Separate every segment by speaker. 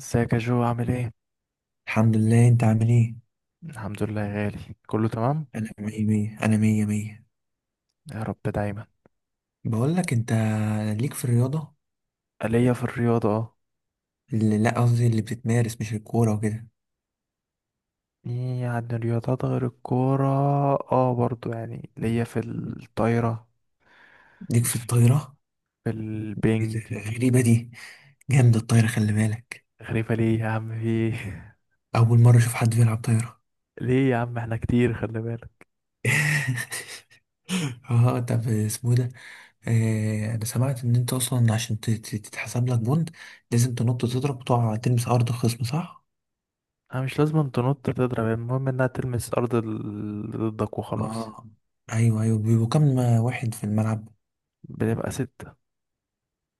Speaker 1: ازيك يا جو، عامل ايه؟
Speaker 2: الحمد لله. انت عامل ايه؟
Speaker 1: الحمد لله يا غالي، كله تمام؟
Speaker 2: انا مية مية، انا مية مية.
Speaker 1: يا رب دايما.
Speaker 2: بقول لك انت، ليك في الرياضة
Speaker 1: ليا في الرياضة، اه.
Speaker 2: لا قصدي اللي بتتمارس، مش الكورة وكده.
Speaker 1: يعني رياضات غير الكورة. اه، برضو يعني ليا في الطايرة.
Speaker 2: ليك في
Speaker 1: في
Speaker 2: الطايرة؟ ايه
Speaker 1: البنج.
Speaker 2: ده؟ غريبة دي. جامدة الطايرة، خلي بالك.
Speaker 1: غريبة ليه يا عم، في ايه؟
Speaker 2: اول مرة اشوف حد بيلعب طايرة.
Speaker 1: ليه يا عم؟ احنا كتير، خلي بالك.
Speaker 2: اه، طب اسمه ده، انا سمعت ان انت اصلا عشان تتحسب لك بوند لازم تنط تضرب وتقع تلمس ارض الخصم، صح؟
Speaker 1: انا مش لازم تنط تضرب، المهم انها تلمس ارض اللي ضدك وخلاص.
Speaker 2: اه. ايوه، ايوه، بيبقوا كام واحد في الملعب؟
Speaker 1: بنبقى ستة.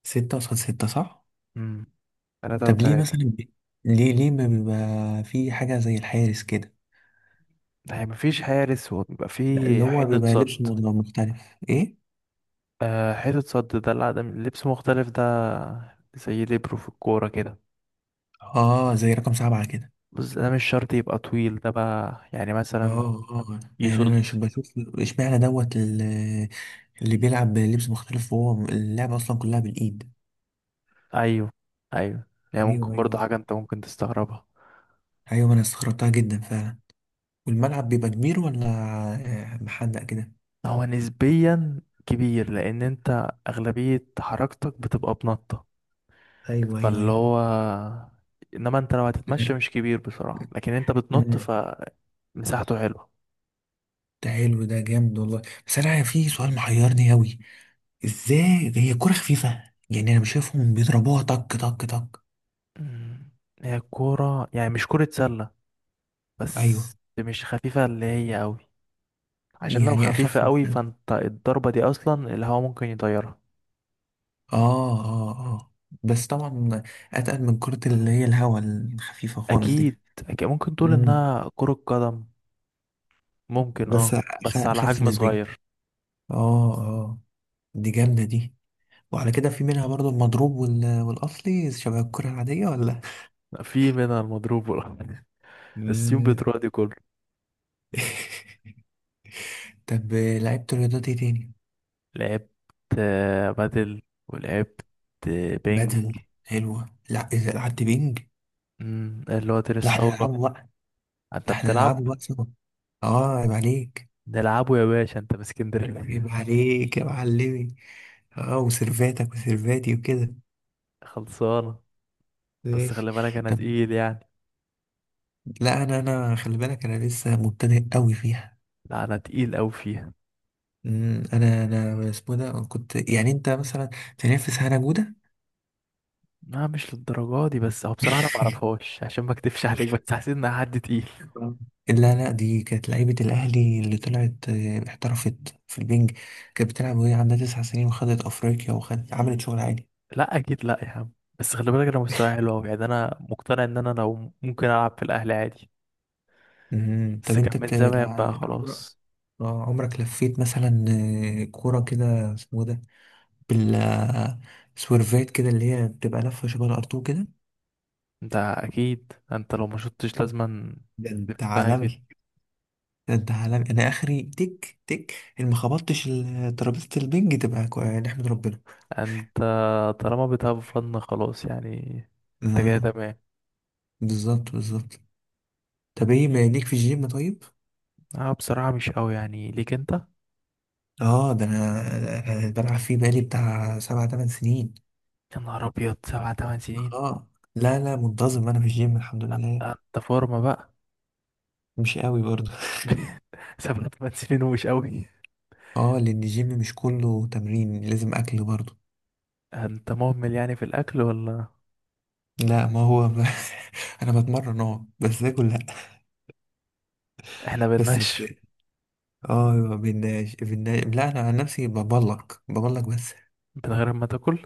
Speaker 2: ستة قصاد ستة، صح؟
Speaker 1: امم. تلاتة
Speaker 2: طب ليه
Speaker 1: وتلاتة.
Speaker 2: مثلا ليه ما بيبقى في حاجة زي الحارس كده؟
Speaker 1: يعني مفيش حارس وبيبقى
Speaker 2: لا،
Speaker 1: في
Speaker 2: اللي هو
Speaker 1: حيطة
Speaker 2: بيبقى
Speaker 1: صد.
Speaker 2: لبسه مختلف. ايه؟
Speaker 1: آه، حتة صد دلع ده العدم، لبس مختلف ده. زي ليبرو في الكورة كده.
Speaker 2: اه، زي رقم 7 كده.
Speaker 1: بس ده مش شرط يبقى طويل، ده بقى يعني مثلا.
Speaker 2: اه اه، يعني
Speaker 1: يصد.
Speaker 2: انا مش بشوف اشمعنى دوت اللي بيلعب بلبس مختلف وهو اللعبة اصلا كلها بالايد.
Speaker 1: أيوه، أيوه. يعني ممكن
Speaker 2: ايوه،
Speaker 1: برضه
Speaker 2: ايوه،
Speaker 1: حاجة أنت ممكن تستغربها.
Speaker 2: ايوه، ما انا استغربتها جدا فعلا. والملعب بيبقى كبير ولا؟ محدق كده.
Speaker 1: هو نسبيا كبير، لأن أنت أغلبية حركتك بتبقى بنطة.
Speaker 2: ايوه، ايوه،
Speaker 1: فاللي
Speaker 2: ايوه.
Speaker 1: هو، إنما أنت لو هتتمشى
Speaker 2: لا.
Speaker 1: مش كبير بصراحة، لكن أنت بتنط
Speaker 2: مم.
Speaker 1: فمساحته حلوة.
Speaker 2: ده حلو، ده جامد والله. بس انا في سؤال محيرني اوي، ازاي ده؟ هي كرة خفيفة؟ يعني انا مش شايفهم بيضربوها طك طك طك.
Speaker 1: مم. هي الكورة يعني مش كرة سلة.
Speaker 2: ايوه.
Speaker 1: بس مش خفيفة اللي هي أوي، عشان لو
Speaker 2: يعني
Speaker 1: خفيفة
Speaker 2: اخف من
Speaker 1: قوي
Speaker 2: السله.
Speaker 1: فانت الضربة دي اصلا الهوا ممكن يطيرها.
Speaker 2: اه، اه، اه، بس طبعا اتقل من كرة اللي هي الهوا الخفيفة خالص
Speaker 1: اكيد،
Speaker 2: دي.
Speaker 1: اكيد ممكن تقول
Speaker 2: مم.
Speaker 1: انها كرة قدم. ممكن، اه.
Speaker 2: بس
Speaker 1: بس على
Speaker 2: اخف
Speaker 1: حجم
Speaker 2: نسبيا.
Speaker 1: صغير.
Speaker 2: اه، اه. دي جامدة دي. وعلى كده في منها برضو المضروب والاصلي شبه الكرة العادية ولا؟
Speaker 1: في منها المضروب والحاجات دي. السيوم
Speaker 2: مم.
Speaker 1: بتروح دي كله.
Speaker 2: طب لعبت رياضات ايه تاني؟
Speaker 1: لعبت بادل. ولعبت بينج.
Speaker 2: بدل حلوة. لا، اذا لعبت بينج.
Speaker 1: اللي هو
Speaker 2: لا،
Speaker 1: تنس
Speaker 2: احنا
Speaker 1: طاولة.
Speaker 2: نلعبه.
Speaker 1: انت
Speaker 2: ده احنا
Speaker 1: بتلعب.
Speaker 2: نلعبه بقى سوا. اه، عيب عليك.
Speaker 1: نلعبه يا باشا، انت من اسكندرية.
Speaker 2: عيب عليك يا معلمي. اه، وسيرفاتك وسيرفاتي وكده.
Speaker 1: خلصانة. بس
Speaker 2: ماشي.
Speaker 1: خلي بالك، انا
Speaker 2: طب
Speaker 1: تقيل يعني.
Speaker 2: لا، انا خلي بالك، انا لسه مبتدئ قوي فيها.
Speaker 1: لا، انا تقيل اوي فيها.
Speaker 2: انا اسمه ده، كنت يعني انت مثلا تنافس هنا جوده؟
Speaker 1: لا، مش للدرجة دي، بس هو بصراحة أنا معرفهاش عشان ما أكدبش عليك، بس حسيت إنها حد تقيل.
Speaker 2: آه. لا لا، دي كانت لعيبة الأهلي اللي طلعت احترفت في البنج. كانت بتلعب وهي عندها 9 سنين، وخدت أفريقيا وخدت، عملت شغل عالي.
Speaker 1: لا أكيد، لا يا عم. بس خلي بالك، أنا مستواي حلو أوي يعني أنا مقتنع إن أنا لو ممكن ألعب في الأهلي عادي.
Speaker 2: مم. طب
Speaker 1: بس كان
Speaker 2: أنت
Speaker 1: من زمان بقى
Speaker 2: بتلعب؟
Speaker 1: خلاص.
Speaker 2: اه، عمرك لفيت مثلا كورة كده اسمه ده، بالسورفات كده اللي هي بتبقى لفة شبه الأرتو كده؟
Speaker 1: أنت أكيد أنت لو ما شطتش لازما
Speaker 2: ده انت
Speaker 1: تلفها كده.
Speaker 2: عالمي. ده انت عالمي، انا اخري تك تك ان ما خبطتش ترابيزة البنج تبقى نحمد ربنا.
Speaker 1: أنت طالما بتهاف فن خلاص يعني. أنت كده
Speaker 2: اه،
Speaker 1: تمام.
Speaker 2: بالظبط بالظبط. طب ايه، ما ليك في الجيم طيب؟
Speaker 1: أه، بصراحة مش أوي يعني ليك أنت.
Speaker 2: اه، ده انا أنا بلعب فيه بقالي بتاع 7 8 سنين.
Speaker 1: يا نهار أبيض، سبع تمن سنين؟
Speaker 2: اه، لا لا، منتظم انا في الجيم الحمد
Speaker 1: لأ،
Speaker 2: لله.
Speaker 1: أنت فورمة بقى.
Speaker 2: مش قوي برضه.
Speaker 1: سبع تمن سنين ومش أوي؟
Speaker 2: اه، لان الجيم مش كله تمرين، لازم اكل برضه.
Speaker 1: انت مهمل يعني في الاكل ولا؟
Speaker 2: لا، ما هو انا بتمرن، بس اكل لا.
Speaker 1: احنا
Speaker 2: بس
Speaker 1: بننشف
Speaker 2: اه، ما بيناش بيناش، لا انا عن نفسي ببلك ببلك بس.
Speaker 1: من غير ما تاكل؟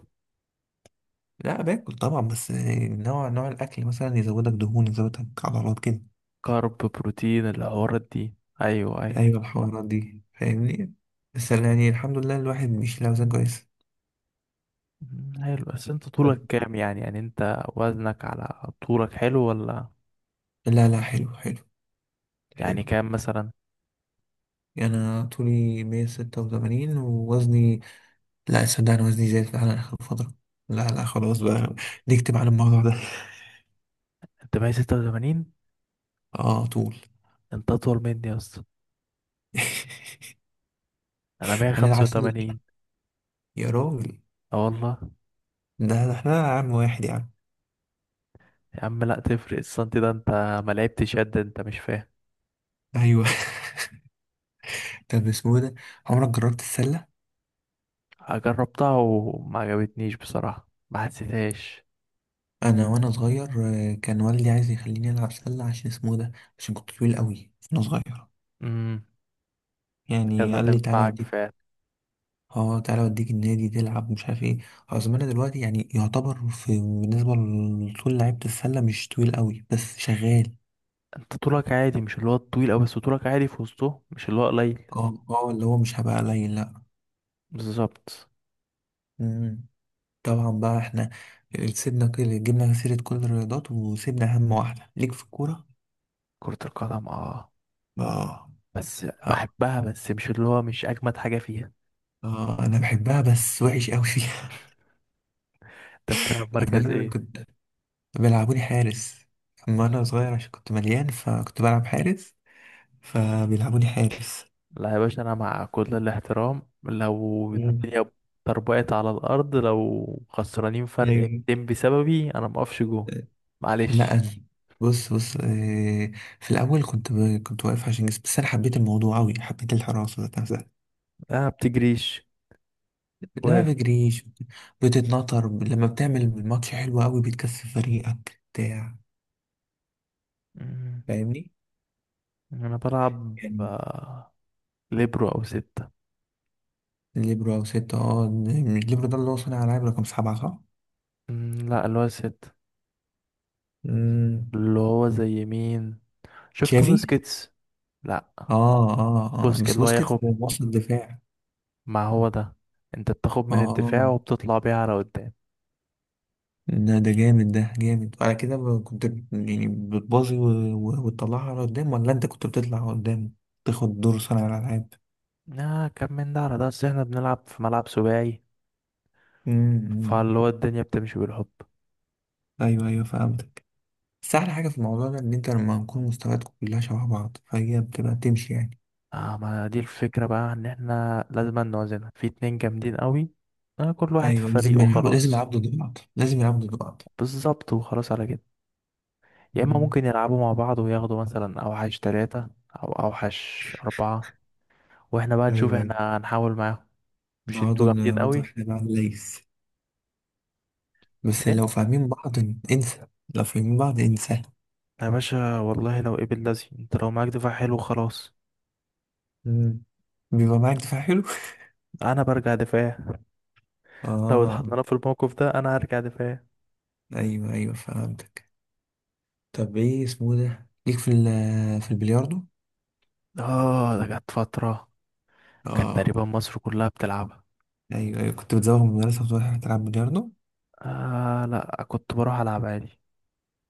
Speaker 2: لا، باكل طبعا، بس نوع الاكل مثلا يزودك دهون، يزودك عضلات كده.
Speaker 1: كارب بروتين الحوارات دي. ايوه، ايوه.
Speaker 2: ايوه، الحوارات دي فاهمني. بس يعني الحمد لله، الواحد بيشيل اوزان كويس.
Speaker 1: حلو. بس انت طولك كام؟ يعني انت وزنك على طولك حلو ولا؟
Speaker 2: لا لا، حلو حلو.
Speaker 1: يعني
Speaker 2: حلو.
Speaker 1: كام مثلا؟
Speaker 2: يعني انا طولي 186 ووزني، لا صدق، انا وزني زاد فعلا اخر فتره. لا لا، خلاص بقى. نكتب على الموضوع ده.
Speaker 1: انت 186؟
Speaker 2: اه، طول.
Speaker 1: انت اطول مني يا اسطى. انا
Speaker 2: هنلعب سلة.
Speaker 1: 185.
Speaker 2: يا راجل،
Speaker 1: اه والله
Speaker 2: ده احنا عام واحد يا عم.
Speaker 1: يا عم، لا تفرق السنتي ده، انت ما لعبتش قد انت، مش فاهم.
Speaker 2: ايوه. طب اسمه إيه ده، عمرك جربت السلة؟
Speaker 1: جربتها وما عجبتنيش بصراحة، ما حسيتهاش.
Speaker 2: انا وانا صغير كان والدي عايز يخليني العب سلة عشان اسمه إيه ده، عشان كنت طويل قوي وانا صغير.
Speaker 1: امم. كانت
Speaker 2: يعني قال لي تعالى
Speaker 1: هتنفعك.
Speaker 2: اوديك. اه، تعالى اوديك النادي تلعب مش عارف ايه. اظن انا دلوقتي يعني يعتبر في بالنسبة لطول لعيبة السلة مش طويل قوي، بس شغال.
Speaker 1: انت طولك عادي، مش اللي هو الطويل أوي، بس طولك عادي في وسطه، مش اللي هو قليل.
Speaker 2: اه، اه، اللي هو مش هبقى قليل، لا.
Speaker 1: بالظبط.
Speaker 2: مم. طبعا بقى احنا سيبنا، كل جبنا سيرة كل الرياضات، وسيبنا أهم واحدة ليك في الكورة.
Speaker 1: كرة القدم، اه.
Speaker 2: اه.
Speaker 1: بس
Speaker 2: اه،
Speaker 1: بحبها، بس مش اللي هو مش أجمد حاجة فيها.
Speaker 2: اه، أنا بحبها بس وحش أوي فيها.
Speaker 1: انت بتلعب مركز
Speaker 2: أنا
Speaker 1: ايه؟
Speaker 2: كنت بيلعبوني حارس. أما أنا صغير عشان كنت مليان فكنت بلعب حارس، فبيلعبوني حارس.
Speaker 1: لا يا باشا، أنا مع كل الاحترام لو
Speaker 2: مم.
Speaker 1: الدنيا طربقت على الأرض، لو خسرانين فرق
Speaker 2: أيوه.
Speaker 1: 200 بسببي، أنا مقفش جوه.
Speaker 2: لا
Speaker 1: معلش.
Speaker 2: أنا بص بص في الأول كنت كنت واقف عشان جسمي، بس أنا حبيت الموضوع أوي، حبيت الحراسة.
Speaker 1: لا بتجريش،
Speaker 2: لا،
Speaker 1: واقف.
Speaker 2: ما بجريش. بتتنطر لما بتعمل ماتش حلو قوي، بتكسب فريقك بتاع.
Speaker 1: مم.
Speaker 2: فاهمني.
Speaker 1: أنا بلعب
Speaker 2: يعني
Speaker 1: ليبرو أو ستة.
Speaker 2: ليبرو او ستة. اه، مش ليبرو ده اللي هو صانع العاب رقم 7 صح؟
Speaker 1: مم، لا، اللي هو ستة.
Speaker 2: امم.
Speaker 1: اللي هو زي مين؟ شفت
Speaker 2: تشافي؟
Speaker 1: بوسكيتس. لا،
Speaker 2: اه، اه، اه،
Speaker 1: بوسكيت
Speaker 2: بس
Speaker 1: اللي هو
Speaker 2: بوسكيتس
Speaker 1: ياخد.
Speaker 2: وسط الدفاع.
Speaker 1: ما هو ده، انت بتاخد
Speaker 2: اه،
Speaker 1: من الدفاع
Speaker 2: آه.
Speaker 1: وبتطلع بيها على قدام.
Speaker 2: ده، ده جامد، ده جامد. وعلى كده كنت يعني بتبازي وتطلعها على قدام، ولا انت كنت بتطلع قدام تاخد دور صانع الالعاب؟
Speaker 1: كم من ده على ده، اصل احنا بنلعب في ملعب سباعي.
Speaker 2: امم، أمم.
Speaker 1: فاللي هو الدنيا بتمشي بالحب.
Speaker 2: ايوه، ايوه، فهمتك. بس أحلى حاجة في الموضوع ده إن أنت لما نكون مستوياتكم كلها شبه بعض فهي بتبقى تمشي يعني.
Speaker 1: اه، ما دي الفكرة بقى، ان احنا لازم نوازنها في اتنين جامدين قوي. آه، كل واحد في
Speaker 2: أيوة،
Speaker 1: فريق
Speaker 2: لازم
Speaker 1: وخلاص.
Speaker 2: يلعبوا ضد بعض، لازم يلعبوا ضد بعض.
Speaker 1: بالظبط، وخلاص على كده. يا اما
Speaker 2: مم.
Speaker 1: ممكن يلعبوا مع بعض وياخدوا مثلا اوحش تلاتة، او اوحش اربعة، واحنا بقى نشوف،
Speaker 2: ايوه، ايوه.
Speaker 1: احنا هنحاول معاهم. مش
Speaker 2: نقعدوا
Speaker 1: انتوا جامدين
Speaker 2: نقعدوا
Speaker 1: قوي.
Speaker 2: احنا بقى ليس. بس لو فاهمين بعض انسى، لو فاهمين بعض انسى.
Speaker 1: يا باشا والله، لو قبل لازم، انت لو معاك دفاع حلو خلاص.
Speaker 2: مم. بيبقى معاك دفاع حلو.
Speaker 1: انا برجع دفاع. لو
Speaker 2: اه.
Speaker 1: اتحطينا في الموقف ده انا هرجع دفاع.
Speaker 2: ايوه، ايوه، فهمتك. طب ايه اسمه ده، ليك في في البلياردو؟
Speaker 1: اه، ده كانت فترة، كانت
Speaker 2: اه.
Speaker 1: تقريبا مصر كلها بتلعبها.
Speaker 2: ايوو، ايوه، كنت بتزوغ من المدرسة وتروح تلعب بلياردو؟
Speaker 1: آه لا، كنت بروح العب عادي،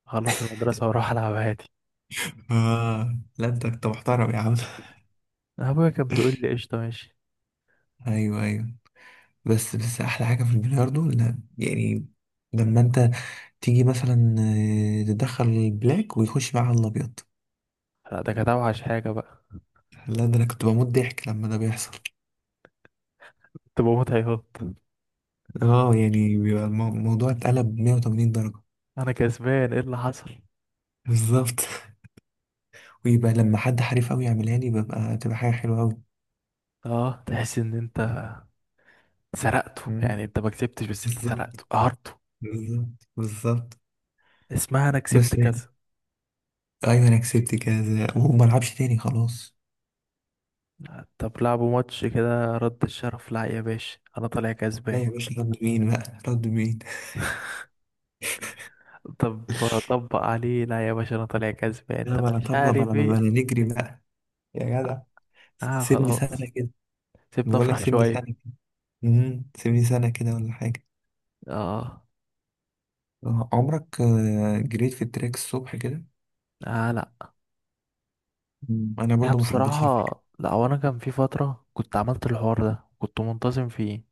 Speaker 1: خلص المدرسة واروح العب عادي.
Speaker 2: اه، لا، انت محترم يا عم.
Speaker 1: ابويا كان بيقول لي قشطة ماشي.
Speaker 2: ايوه، ايوه. بس احلى حاجه في البلياردو، لا يعني، لما انت تيجي مثلا تدخل البلاك ويخش معاها الابيض.
Speaker 1: لا، ده كانت اوحش حاجة بقى.
Speaker 2: لا، ده انا كنت بموت ضحك لما ده بيحصل.
Speaker 1: كنت بموت عياط.
Speaker 2: اه، يعني بيبقى الموضوع اتقلب 180 درجه.
Speaker 1: انا كسبان ايه اللي حصل؟
Speaker 2: بالظبط. ويبقى لما حد حريف قوي يعملها لي تبقى حاجه حلوه قوي.
Speaker 1: اه، تحس ان انت سرقته، يعني
Speaker 2: مم.
Speaker 1: انت ما كسبتش بس انت
Speaker 2: بالظبط،
Speaker 1: سرقته قهرته.
Speaker 2: بالظبط، بالظبط.
Speaker 1: اسمها انا كسبت
Speaker 2: بس،
Speaker 1: كذا.
Speaker 2: ايوه، انا كسبت كذا وما العبش تاني خلاص.
Speaker 1: طب لعبوا ماتش كده رد الشرف، لا يا باشا، انا طالع
Speaker 2: لا
Speaker 1: كسبان.
Speaker 2: يا باشا، رد مين بقى، رد مين.
Speaker 1: طب طبق عليه، لا يا باشا، انا طالع كسبان،
Speaker 2: لا،
Speaker 1: طب
Speaker 2: بلا
Speaker 1: مش
Speaker 2: طبل،
Speaker 1: عارف
Speaker 2: بلا بلا،
Speaker 1: ايه.
Speaker 2: نجري بقى. يا جدع،
Speaker 1: اه،
Speaker 2: سيبني سنة
Speaker 1: خلاص.
Speaker 2: كده.
Speaker 1: سيبنا
Speaker 2: بقول لك
Speaker 1: افرح
Speaker 2: سيبني
Speaker 1: شويه.
Speaker 2: سنة كده. سيبني سنة كده ولا حاجة.
Speaker 1: اه،
Speaker 2: عمرك جريت في التراك الصبح كده؟
Speaker 1: اه، لا
Speaker 2: انا
Speaker 1: يا
Speaker 2: برضو ما حبيتش
Speaker 1: بصراحه.
Speaker 2: الفكرة.
Speaker 1: لا، هو انا كان في فتره كنت عملت الحوار ده، كنت منتظم فيه.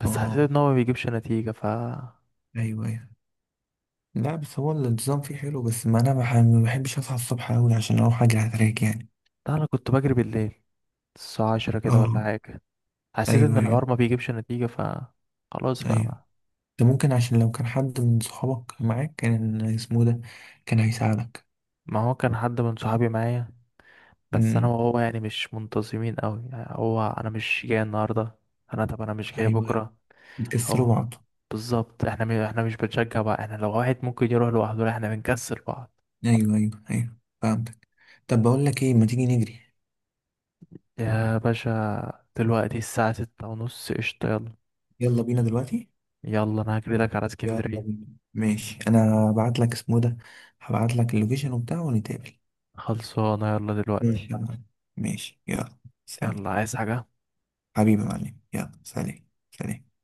Speaker 1: بس حسيت
Speaker 2: اه،
Speaker 1: ان هو ما بيجيبش نتيجه، ف لا.
Speaker 2: ايوه، ايوه. لا، بس هو النظام فيه حلو، بس ما انا بح- ما بحبش اصحى الصبح قوي عشان اروح اجري على التراك يعني.
Speaker 1: انا كنت بجري بالليل، الساعه 10 كده ولا
Speaker 2: اه،
Speaker 1: حاجه. حسيت
Speaker 2: ايوه،
Speaker 1: ان الحوار
Speaker 2: ايوه،
Speaker 1: ما بيجيبش نتيجه، ف خلاص بقى
Speaker 2: ايوه.
Speaker 1: ما.
Speaker 2: ده ممكن عشان لو كان حد من صحابك معاك كان اسمه ده، كان هيساعدك.
Speaker 1: ما هو كان حد من صحابي معايا، بس انا
Speaker 2: امم.
Speaker 1: وهو يعني مش منتظمين قوي، يعني هو انا مش جاي النهارده، انا طب انا مش جاي
Speaker 2: ايوه، ايوه،
Speaker 1: بكره.
Speaker 2: بتكسروا
Speaker 1: هو،
Speaker 2: بعض.
Speaker 1: بالظبط. احنا احنا مش بنشجع بعض، احنا لو واحد ممكن يروح لوحده، لا، احنا بنكسل بعض.
Speaker 2: ايوه، ايوه، ايوه، فهمتك. طب بقول لك ايه، ما تيجي نجري؟
Speaker 1: يا باشا دلوقتي الساعة ستة ونص، قشطة، يلا.
Speaker 2: يلا بينا دلوقتي.
Speaker 1: يلا انا هجري لك على
Speaker 2: يلا
Speaker 1: اسكندرية.
Speaker 2: بينا. ماشي، انا هبعت لك اسمه ده، هبعت لك اللوكيشن وبتاع ونتقابل.
Speaker 1: خلصانة، يلا دلوقتي.
Speaker 2: ماشي، يلا. ماشي، يلا. سلام.
Speaker 1: يلا، عايز حاجة؟
Speaker 2: حبيبي يا معلم، يلا، سلام، سلام.